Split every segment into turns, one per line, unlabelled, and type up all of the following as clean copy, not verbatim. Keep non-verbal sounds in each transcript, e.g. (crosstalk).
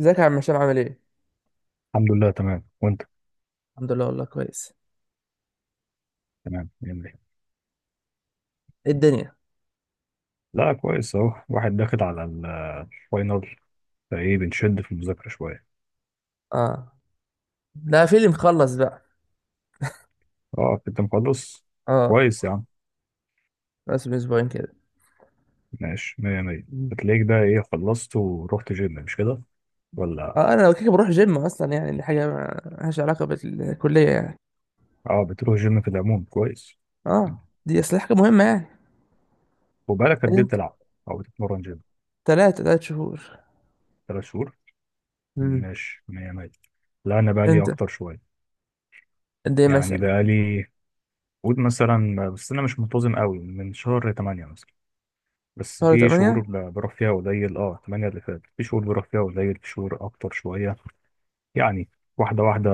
ازيك يا عم هشام، عامل ايه؟
الحمد لله تمام وانت.
الحمد لله والله كويس.
تمام يعني.
إيه الدنيا؟
لا كويس اهو واحد داخل على الفاينل، فايه بنشد في المذاكرة شوية.
اه، ده فيلم مخلص بقى.
اه كنت مخلص.
اه،
كويس يا عم.
بس من اسبوعين كده.
ماشي مية مية،
مم.
هتلاقيك بقى ايه، خلصت ورحت جيم مش كده؟ ولا؟
اه، انا لو كده بروح جيم اصلا، يعني دي حاجه مالهاش علاقه بالكليه يعني.
اه بتروح جيم في العموم كويس يعني.
اه، دي اصل حاجه مهمه يعني.
وبقالك
يعني
قد ايه
انت
بتلعب او بتتمرن جيم؟
ثلاث شهور.
3 شهور.
مم.
ماشي مية مية. لا انا بقالي
انت
اكتر شوية.
قد ايه
يعني
مثلا؟
بقالي، قول مثلا، بس انا مش منتظم قوي من شهر 8 مثلا. بس
شهر
في شهور
8.
بروح فيها قليل، اه 8 اللي فات في شهور بروح فيها قليل في شهور اكتر شويه يعني. واحده واحده.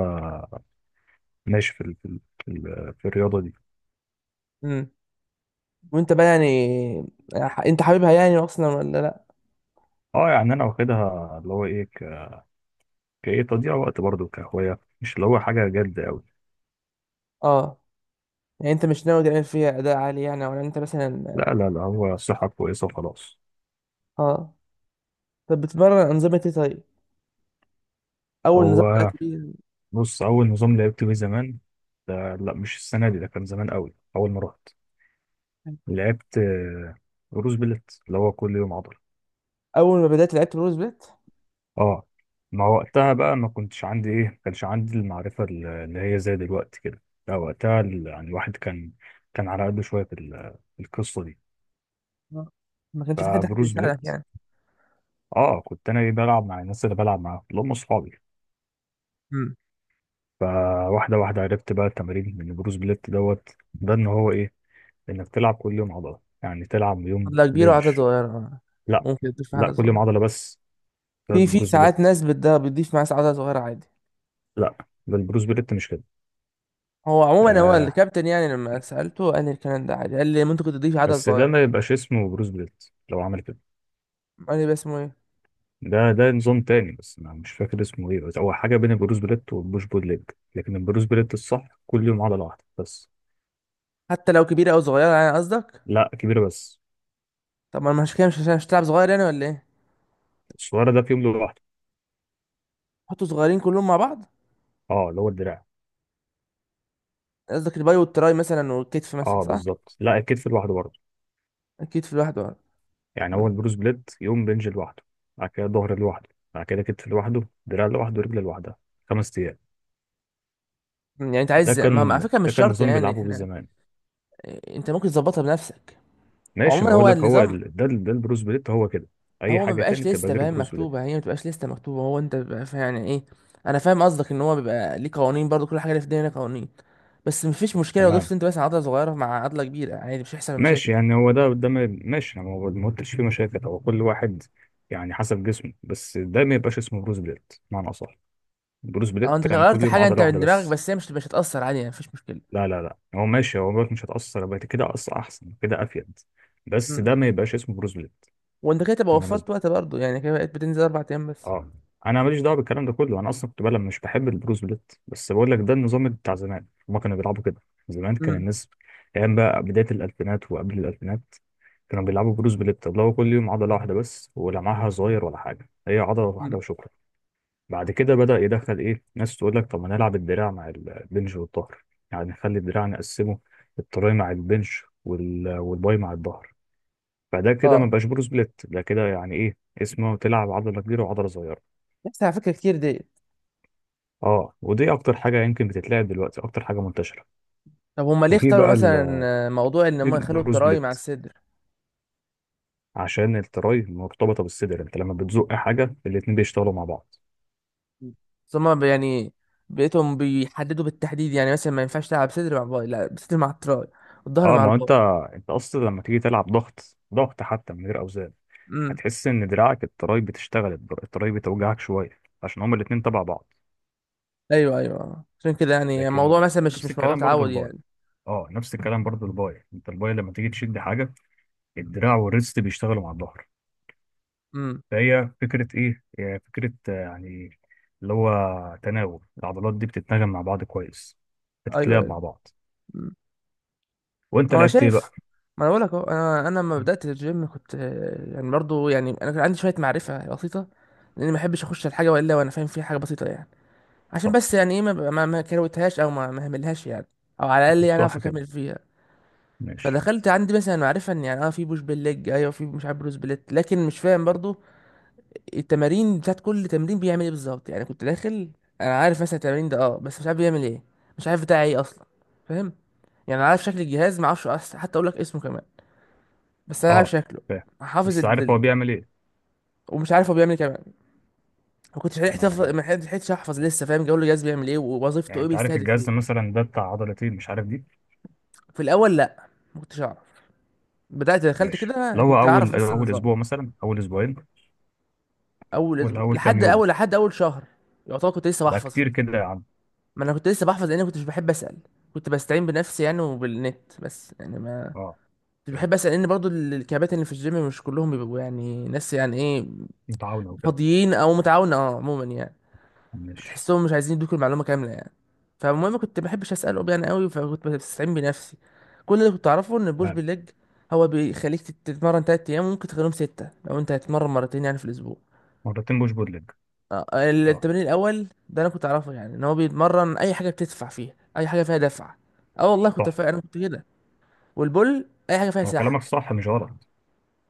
ماشي في في الرياضه دي.
امم. وانت بقى يعني، انت حاببها يعني اصلا ولا لا؟
اه يعني انا واخدها اللي هو ايه، كايه تضييع وقت برضه كهوايه، مش اللي هو حاجه جد قوي.
اه، يعني انت مش ناوي تعمل فيها اداء عالي يعني، ولا انت
لا
مثلا.
لا لا، هو الصحه كويسه وخلاص.
اه، طب بتتمرن انظمه ايه طيب؟ اول نظام بدات
هو
بيه.
بص، اول نظام لعبت بيه زمان، ده لا مش السنه دي، ده كان زمان قوي اول ما رحت، لعبت روز بلت، اللي هو كل يوم عضل.
اول ما بدات لعبت بروز بيت.
اه، ما وقتها بقى ما كنتش عندي ايه، ما كانش عندي المعرفه اللي هي زي دلوقتي كده. لا وقتها يعني الواحد كان على قده شويه في في القصه دي.
آه. ما كانش في حد حتى
فبروس
يساعدك
بليت،
يعني.
اه كنت انا ايه بلعب مع الناس اللي بلعب معاهم اللي هم اصحابي.
امم.
فواحده واحده عرفت بقى التمارين من بروس بليت دوت. ده ان هو ايه، انك تلعب كل يوم عضله، يعني تلعب يوم
عدله كبيره وعدله
بنش.
صغيره، آه.
لا.
ممكن تضيف
لا
عدله
كل يوم
صغيره.
عضله بس. ده
في
البروس
ساعات
بليت.
ناس بتضيف معاه عدله صغيره عادي.
لا ده البروس بليت مش كده.
هو عموما هو
آه،
الكابتن، يعني لما سالته قال لي الكلام ده عادي، قال لي ممكن تضيف عدله
بس ده
صغيره.
ما يبقاش اسمه بروس بليت لو عمل كده.
قال لي بس اسمه ايه.
ده نظام تاني بس أنا مش فاكر اسمه إيه، بس هو حاجة بين البروس بليت والبوش بول ليج. لكن البروس بليت الصح كل يوم عضلة واحدة بس.
حتى لو كبيره او صغيره يعني قصدك.
لا كبيرة بس.
طب ما أنا مش كده، مش عشان مش هتلعب صغير يعني ولا ايه.
الصغيرة ده في يوم لوحده.
حطوا صغيرين كلهم مع بعض.
أه اللي هو الدراع.
قصدك الباي والتراي مثلا والكتف مثلا،
أه
صح.
بالظبط، لا الكتف لوحده برضه.
الكتف لوحده، آه.
يعني هو
م.
البروس بليت يوم بنج لوحده، بعد كده ظهر لوحده، بعد كده كتف لوحده، دراع لوحده، رجل لوحدها. 5 أيام.
يعني انت
ده
عايز على
كان
فكره مش
ده كان
شرط
نظام
يعني
بيلعبوا بيه
احنا.
زمان.
إيه، انت ممكن تظبطها بنفسك.
ماشي، ما
عموما هو
أقول لك، هو
النظام.
ال... ده البروس بليت هو كده. أي
هو ما
حاجة تاني
بقاش
تبقى
لسته،
غير
فاهم؟
بروس بليت.
مكتوبه هي ما بتبقاش لسته مكتوبه، هو انت بيبقى يعني ايه. انا فاهم قصدك ان هو بيبقى ليه قوانين، برضو كل حاجه اللي في الدنيا ليها قوانين. بس مفيش مشكله لو
تمام.
ضفت انت بس عضله صغيره مع عضله كبيره، عادي مش هيحصل مشاكل.
ماشي يعني هو ده ده ما- ماشي، انا ما قلتش فيه مشاكل، هو كل واحد يعني حسب جسمه، بس ده ما يبقاش اسمه بروس بليت بمعنى اصح. بروس بليت
او انت
يعني كل
غيرت
يوم
حاجه انت
عضله واحده
من دماغك،
بس.
بس هي مش هتاثر، عادي يعني، مفيش مشكله.
لا لا لا، هو ماشي، هو بقولك مش هتاثر بقى كده، احسن كده، افيد. بس
امم.
ده ما يبقاش اسمه بروس بليت.
وانت كده تبقى وفرت
بالمناسبه،
وقت برضو، يعني كده بقيت بتنزل اربع ايام بس.
اه، انا ماليش دعوه بالكلام ده كله، انا اصلا كنت بلعب مش بحب البروس بليت، بس بقول لك ده النظام بتاع زمان، هما كانوا بيلعبوا كده. زمان كان
امم.
الناس، ايام بقى بدايه الالفينات وقبل الالفينات، كانوا بيلعبوا بروس بليت اللي هو كل يوم عضله واحده بس، ولمعها صغير ولا حاجه، هي عضله واحده
امم.
وشكرا. بعد كده بدا يدخل ايه، ناس تقول لك طب ما نلعب الدراع مع البنش والظهر، يعني نخلي الدراع نقسمه، التراي مع البنش والباي مع الظهر. فده كده ما
اه،
بقاش بروس بليت، ده كده يعني ايه، اسمه تلعب عضله كبيره وعضله صغيره.
بس على فكره كتير ديت.
اه، ودي اكتر حاجه يمكن بتتلعب دلوقتي، اكتر حاجه منتشره.
طب هما ليه
وفي
اختاروا
بقى
مثلا موضوع ان
في
هم يخلوا
البروس
التراي مع
بليت،
الصدر؟
عشان التراي مرتبطه بالصدر، انت لما بتزق حاجه الاتنين بيشتغلوا مع بعض.
ثم يعني بقيتهم بيحددوا بالتحديد، يعني مثلا ما ينفعش تلعب صدر مع باي، لا صدر مع التراي والظهر
اه
مع
ما هو
الباي.
انت اصلا لما تيجي تلعب ضغط ضغط حتى من غير اوزان،
امم.
هتحس ان دراعك التراي بتشتغل، التراي بتوجعك شويه عشان هما الاتنين تبع بعض.
ايوه ايوه، عشان كده يعني الموضوع
لكن
مثلا مش
نفس
مش موضوع
الكلام برضو
تعود
الباي.
يعني.
اه نفس الكلام برضو الباي، انت الباي لما تيجي تشد حاجه، الدراع والريست بيشتغلوا مع الظهر.
امم.
فهي فكرة إيه؟ هي فكرة، يعني اللي هو تناوب العضلات دي بتتناغم مع بعض كويس،
ايوه
بتتلعب
ايوه.
مع بعض.
امم.
وأنت
هو انا
لعبت إيه بقى؟
شايف، ما انا بقول لك اهو، انا لما بدات الجيم كنت يعني برضو، يعني انا كان عندي شويه معرفه بسيطه، لاني ما بحبش اخش الحاجه والا وانا فاهم فيها حاجه بسيطه يعني. عشان
صح
بس يعني ايه ما كروتهاش او ما هملهاش يعني، او على الاقل يعني اعرف
صح كده
اكمل فيها.
ماشي.
فدخلت عندي مثلا معرفه ان يعني اه في بوش بالليج، ايوه في مش عارف بروس بليت، لكن مش فاهم برضو التمارين بتاعت كل تمرين بيعمل ايه بالظبط، يعني كنت داخل انا عارف مثلا التمرين ده، اه بس مش عارف بيعمل ايه، مش عارف بتاع ايه اصلا. فاهم؟ يعني انا عارف شكل الجهاز، ما اعرفش حتى اقول لك اسمه كمان. بس انا عارف
أه
شكله،
فاهم،
حافظ
بس عارف هو بيعمل إيه؟
ومش عارف هو بيعمل ايه كمان.
ما
ما
يعني
لحقتش احفظ لسه، فاهم؟ جو الجهاز بيعمل ايه، ووظيفته
يعني
ايه،
أنت عارف
بيستهدف ايه.
الجهاز مثلا ده بتاع عضلتين، مش عارف دي.
في الاول لا، ما كنتش اعرف. بدات دخلت
ماشي
كده
لو هو
كنت اعرف
أول
بس
أول
النظام.
أسبوع مثلا، أول أسبوعين
اول
ولا
اسبوع،
أول كام
لحد
يوم؟
اول لحد اول شهر يعتبر كنت لسه
لا
بحفظ في
كتير
البتاع.
كده يا عم.
ما انا كنت لسه بحفظ لان كنت مش بحب اسال، كنت بستعين بنفسي يعني وبالنت، بس يعني ما
أه
كنت بحب
فهمت.
اسال لان برضو الكباتن اللي في الجيم مش كلهم بيبقوا يعني ناس يعني ايه،
متعاونة وكده.
فاضيين او متعاونه، اه عموما يعني.
ماشي.
فتحسهم مش عايزين يدوك المعلومه كامله يعني. فالمهم كنت ما بحبش اساله يعني قوي، فكنت بستعين بنفسي. كل اللي كنت اعرفه ان البوش
تمام.
بالليج هو بيخليك تتمرن تلات ايام، وممكن تخليهم سته لو انت هتتمرن مرتين يعني في الاسبوع.
مرتين بوش بود ليج.
آه،
أه
التمرين الاول ده انا كنت اعرفه، يعني ان هو بيتمرن اي حاجه بتدفع فيها، اي حاجه فيها دفع. اه والله كنت
صح،
انا كنت كده. والبول اي حاجه فيها
ما هو
سحب،
كلامك
انا
صح مش غلط.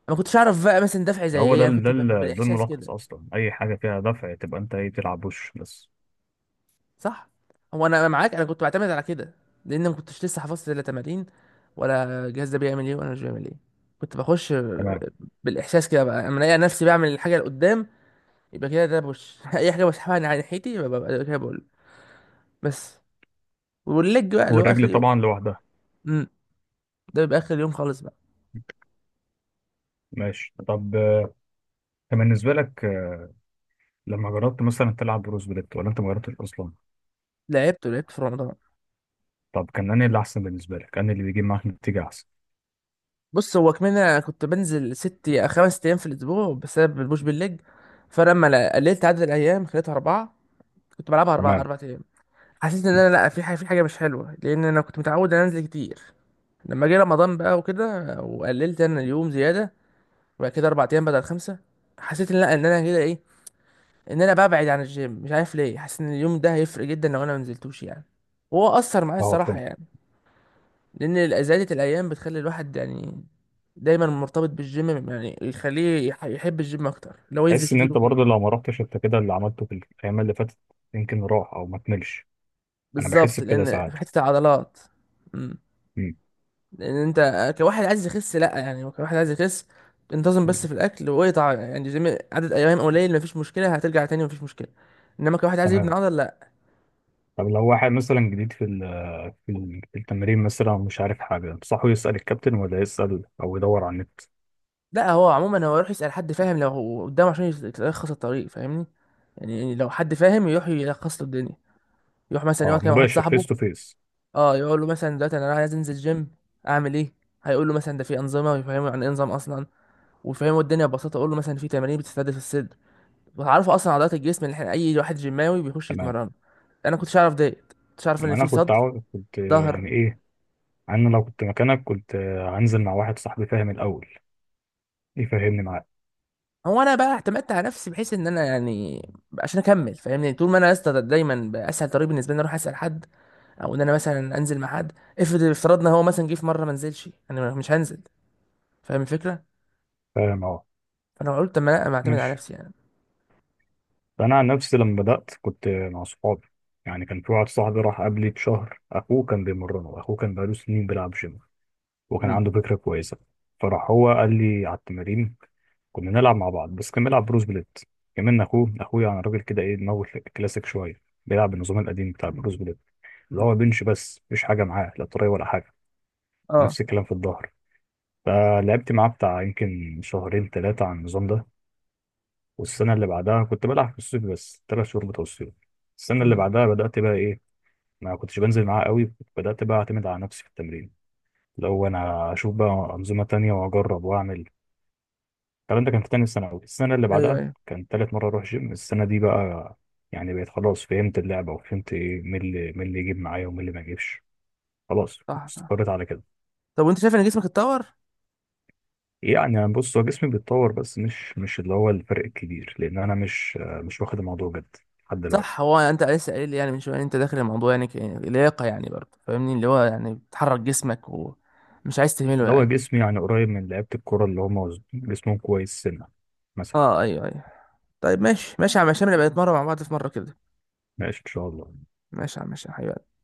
ما كنتش اعرف بقى مثلا دفع زي
هو ده
ايه، انا كنت
ده
بالاحساس
الملخص
كده.
اصلا، اي حاجه فيها دفع تبقى انت ايه بتلعب وش بس.
صح، هو انا معاك، انا كنت بعتمد على كده، لان ما كنتش لسه حفظت لا تمارين ولا الجهاز ده بيعمل ايه ولا مش بيعمل ايه. كنت بخش
تمام.
بالاحساس كده بقى، اما الاقي نفسي بعمل الحاجه اللي قدام يبقى كده ده بوش، (laughs) اي حاجه بسحبها على ناحيتي يبقى ببقى كده بقول. بس والليج بقى اللي هو اخر
والرجل
يوم،
طبعا لوحدها.
ده بيبقى اخر يوم خالص بقى.
ماشي، طب كان بالنسبه لك، لما جربت مثلا تلعب بروز بليت ولا انت ما جربتش اصلا؟
لعبت في رمضان.
طب كان انهي اللي احسن بالنسبه لك، انهي اللي بيجيب معاك نتيجه احسن؟
بص هو كمان انا كنت بنزل خمس ايام في الاسبوع بسبب البوش بالليج، فلما قللت عدد الايام خليتها اربعه، كنت بلعبها
تمام
اربع ايام. حسيت ان انا لا، في حاجه مش حلوه، لان انا كنت متعود ان أنا انزل كتير. لما جه رمضان بقى وكده وقللت انا اليوم زياده، وبعد كده اربع ايام بدل خمسه، حسيت ان لا، ان انا كده ايه، ان انا ببعد عن الجيم، مش عارف ليه حاسس ان اليوم ده هيفرق جدا لو انا ما نزلتوش يعني، وهو اثر معايا
اه
الصراحه
فهمت.
يعني. لان زيادة الايام بتخلي الواحد يعني دايما مرتبط بالجيم، يعني يخليه يحب الجيم اكتر لو ينزل
تحس ان
كتير
انت
وكده.
برضه لو ما رحتش انت كده، اللي عملته في الايام اللي فاتت يمكن راح او ما كملش. انا بحس
بالظبط،
بكده
لان في
ساعات.
حته العضلات. مم.
مم.
لان انت كواحد عايز يخس لا، يعني كواحد عايز يخس انتظم بس
مم.
في الاكل، واقطع يعني جيم عدد ايام قليل مفيش مشكله، هترجع تاني مفيش مشكله. انما كواحد عايز يبني
تمام.
عضل، لا.
طب لو واحد مثلا جديد في في التمرين مثلا، مش عارف حاجة، تنصحه يسأل الكابتن ولا يسأل أو يدور على النت؟
لا، هو عموما هو يروح يسال حد فاهم لو هو قدامه، عشان يلخص الطريق، فاهمني؟ يعني لو حد فاهم يروح يلخص له الدنيا، يروح مثلا يقعد
اه،
كده مع واحد
مباشر
صاحبه.
فيس تو فيس.
اه، يقول له مثلا دلوقتي انا عايز انزل جيم، اعمل ايه؟ هيقول له مثلا ده في انظمه، ويفهمه يعني ايه نظام اصلا، ويفهمه الدنيا ببساطه، اقول له مثلا في تمارين بتستهدف الصدر، وتعرفوا اصلا عضلات الجسم اللي احنا اي واحد جيماوي بيخش
تمام.
يتمرن. انا كنتش اعرف ديت، كنتش اعرف ان
ما أنا
في صدر،
كنت
ظهر.
يعني إيه، أنا لو كنت مكانك كنت هنزل مع واحد صاحبي فاهم الأول يفهمني معاه.
هو انا بقى اعتمدت على نفسي بحيث ان انا يعني عشان اكمل، فاهمني؟ طول ما انا يا اسطى، دايما بقى اسهل طريق بالنسبه لي إن أنا اروح اسال حد، او ان انا مثلا انزل مع حد. افترضنا هو مثلا جه في مره ما نزلش، انا مش هنزل، فاهم الفكره؟
فاهم أه.
فانا قلت طب ما انا معتمد على
ماشي.
نفسي يعني.
فأنا عن نفسي لما بدأت كنت مع صحابي. يعني كان في واحد صاحبي راح قبلي بشهر، أخوه كان بيمرنه، أخوه كان بقاله سنين بيلعب جيم وكان
مم.
عنده فكرة كويسة. فراح هو قال لي على التمارين، كنا بنلعب مع بعض، بس كان بيلعب بروس بليت كمان. اخوه، اخويا يعني، راجل كده ايه دماغه كلاسيك شويه، بيلعب بالنظام القديم بتاع بروس بليت، اللي هو بنش بس مفيش حاجه معاه، لا طريه ولا حاجه.
اه.
نفس الكلام في الظهر. فلعبت معاه بتاع يمكن شهرين ثلاثه على النظام ده. والسنه اللي بعدها كنت بلعب في الصيف بس، 3 شهور بتوع الصيف. السنه اللي
مم.
بعدها بدات بقى ايه، ما كنتش بنزل معاه قوي، بدات بقى اعتمد على نفسي في التمرين، لو انا اشوف بقى انظمه تانية واجرب واعمل. الكلام ده كان في تاني ثانوي، السنة اللي
ايوه
بعدها
ايوه.
كان تالت مرة أروح جيم، السنة دي بقى يعني بقيت خلاص فهمت اللعبة، وفهمت إيه، مين اللي يجيب معايا ومين اللي ما يجيبش. خلاص
صح صح.
استقريت على كده.
طب وانت شايف ان جسمك اتطور؟
يعني أنا بص، هو جسمي بيتطور بس مش اللي هو الفرق الكبير، لأن أنا مش واخد الموضوع جد لحد
صح،
دلوقتي.
هو انت لسه قايل لي يعني من شويه إن انت داخل الموضوع يعني لياقه يعني، برضه فاهمني اللي هو يعني بتحرك جسمك ومش عايز تهمله
اللي هو
يعني.
جسمي يعني قريب من لعيبة الكورة اللي هم جسمهم كويس سنة مثلا.
اه ايوه ايوه. طيب ماشي ماشي يا عم هشام، نبقى نتمرن مع بعض في مره كده.
ماشي إن شاء الله.
ماشي يا عم هشام حبيبي.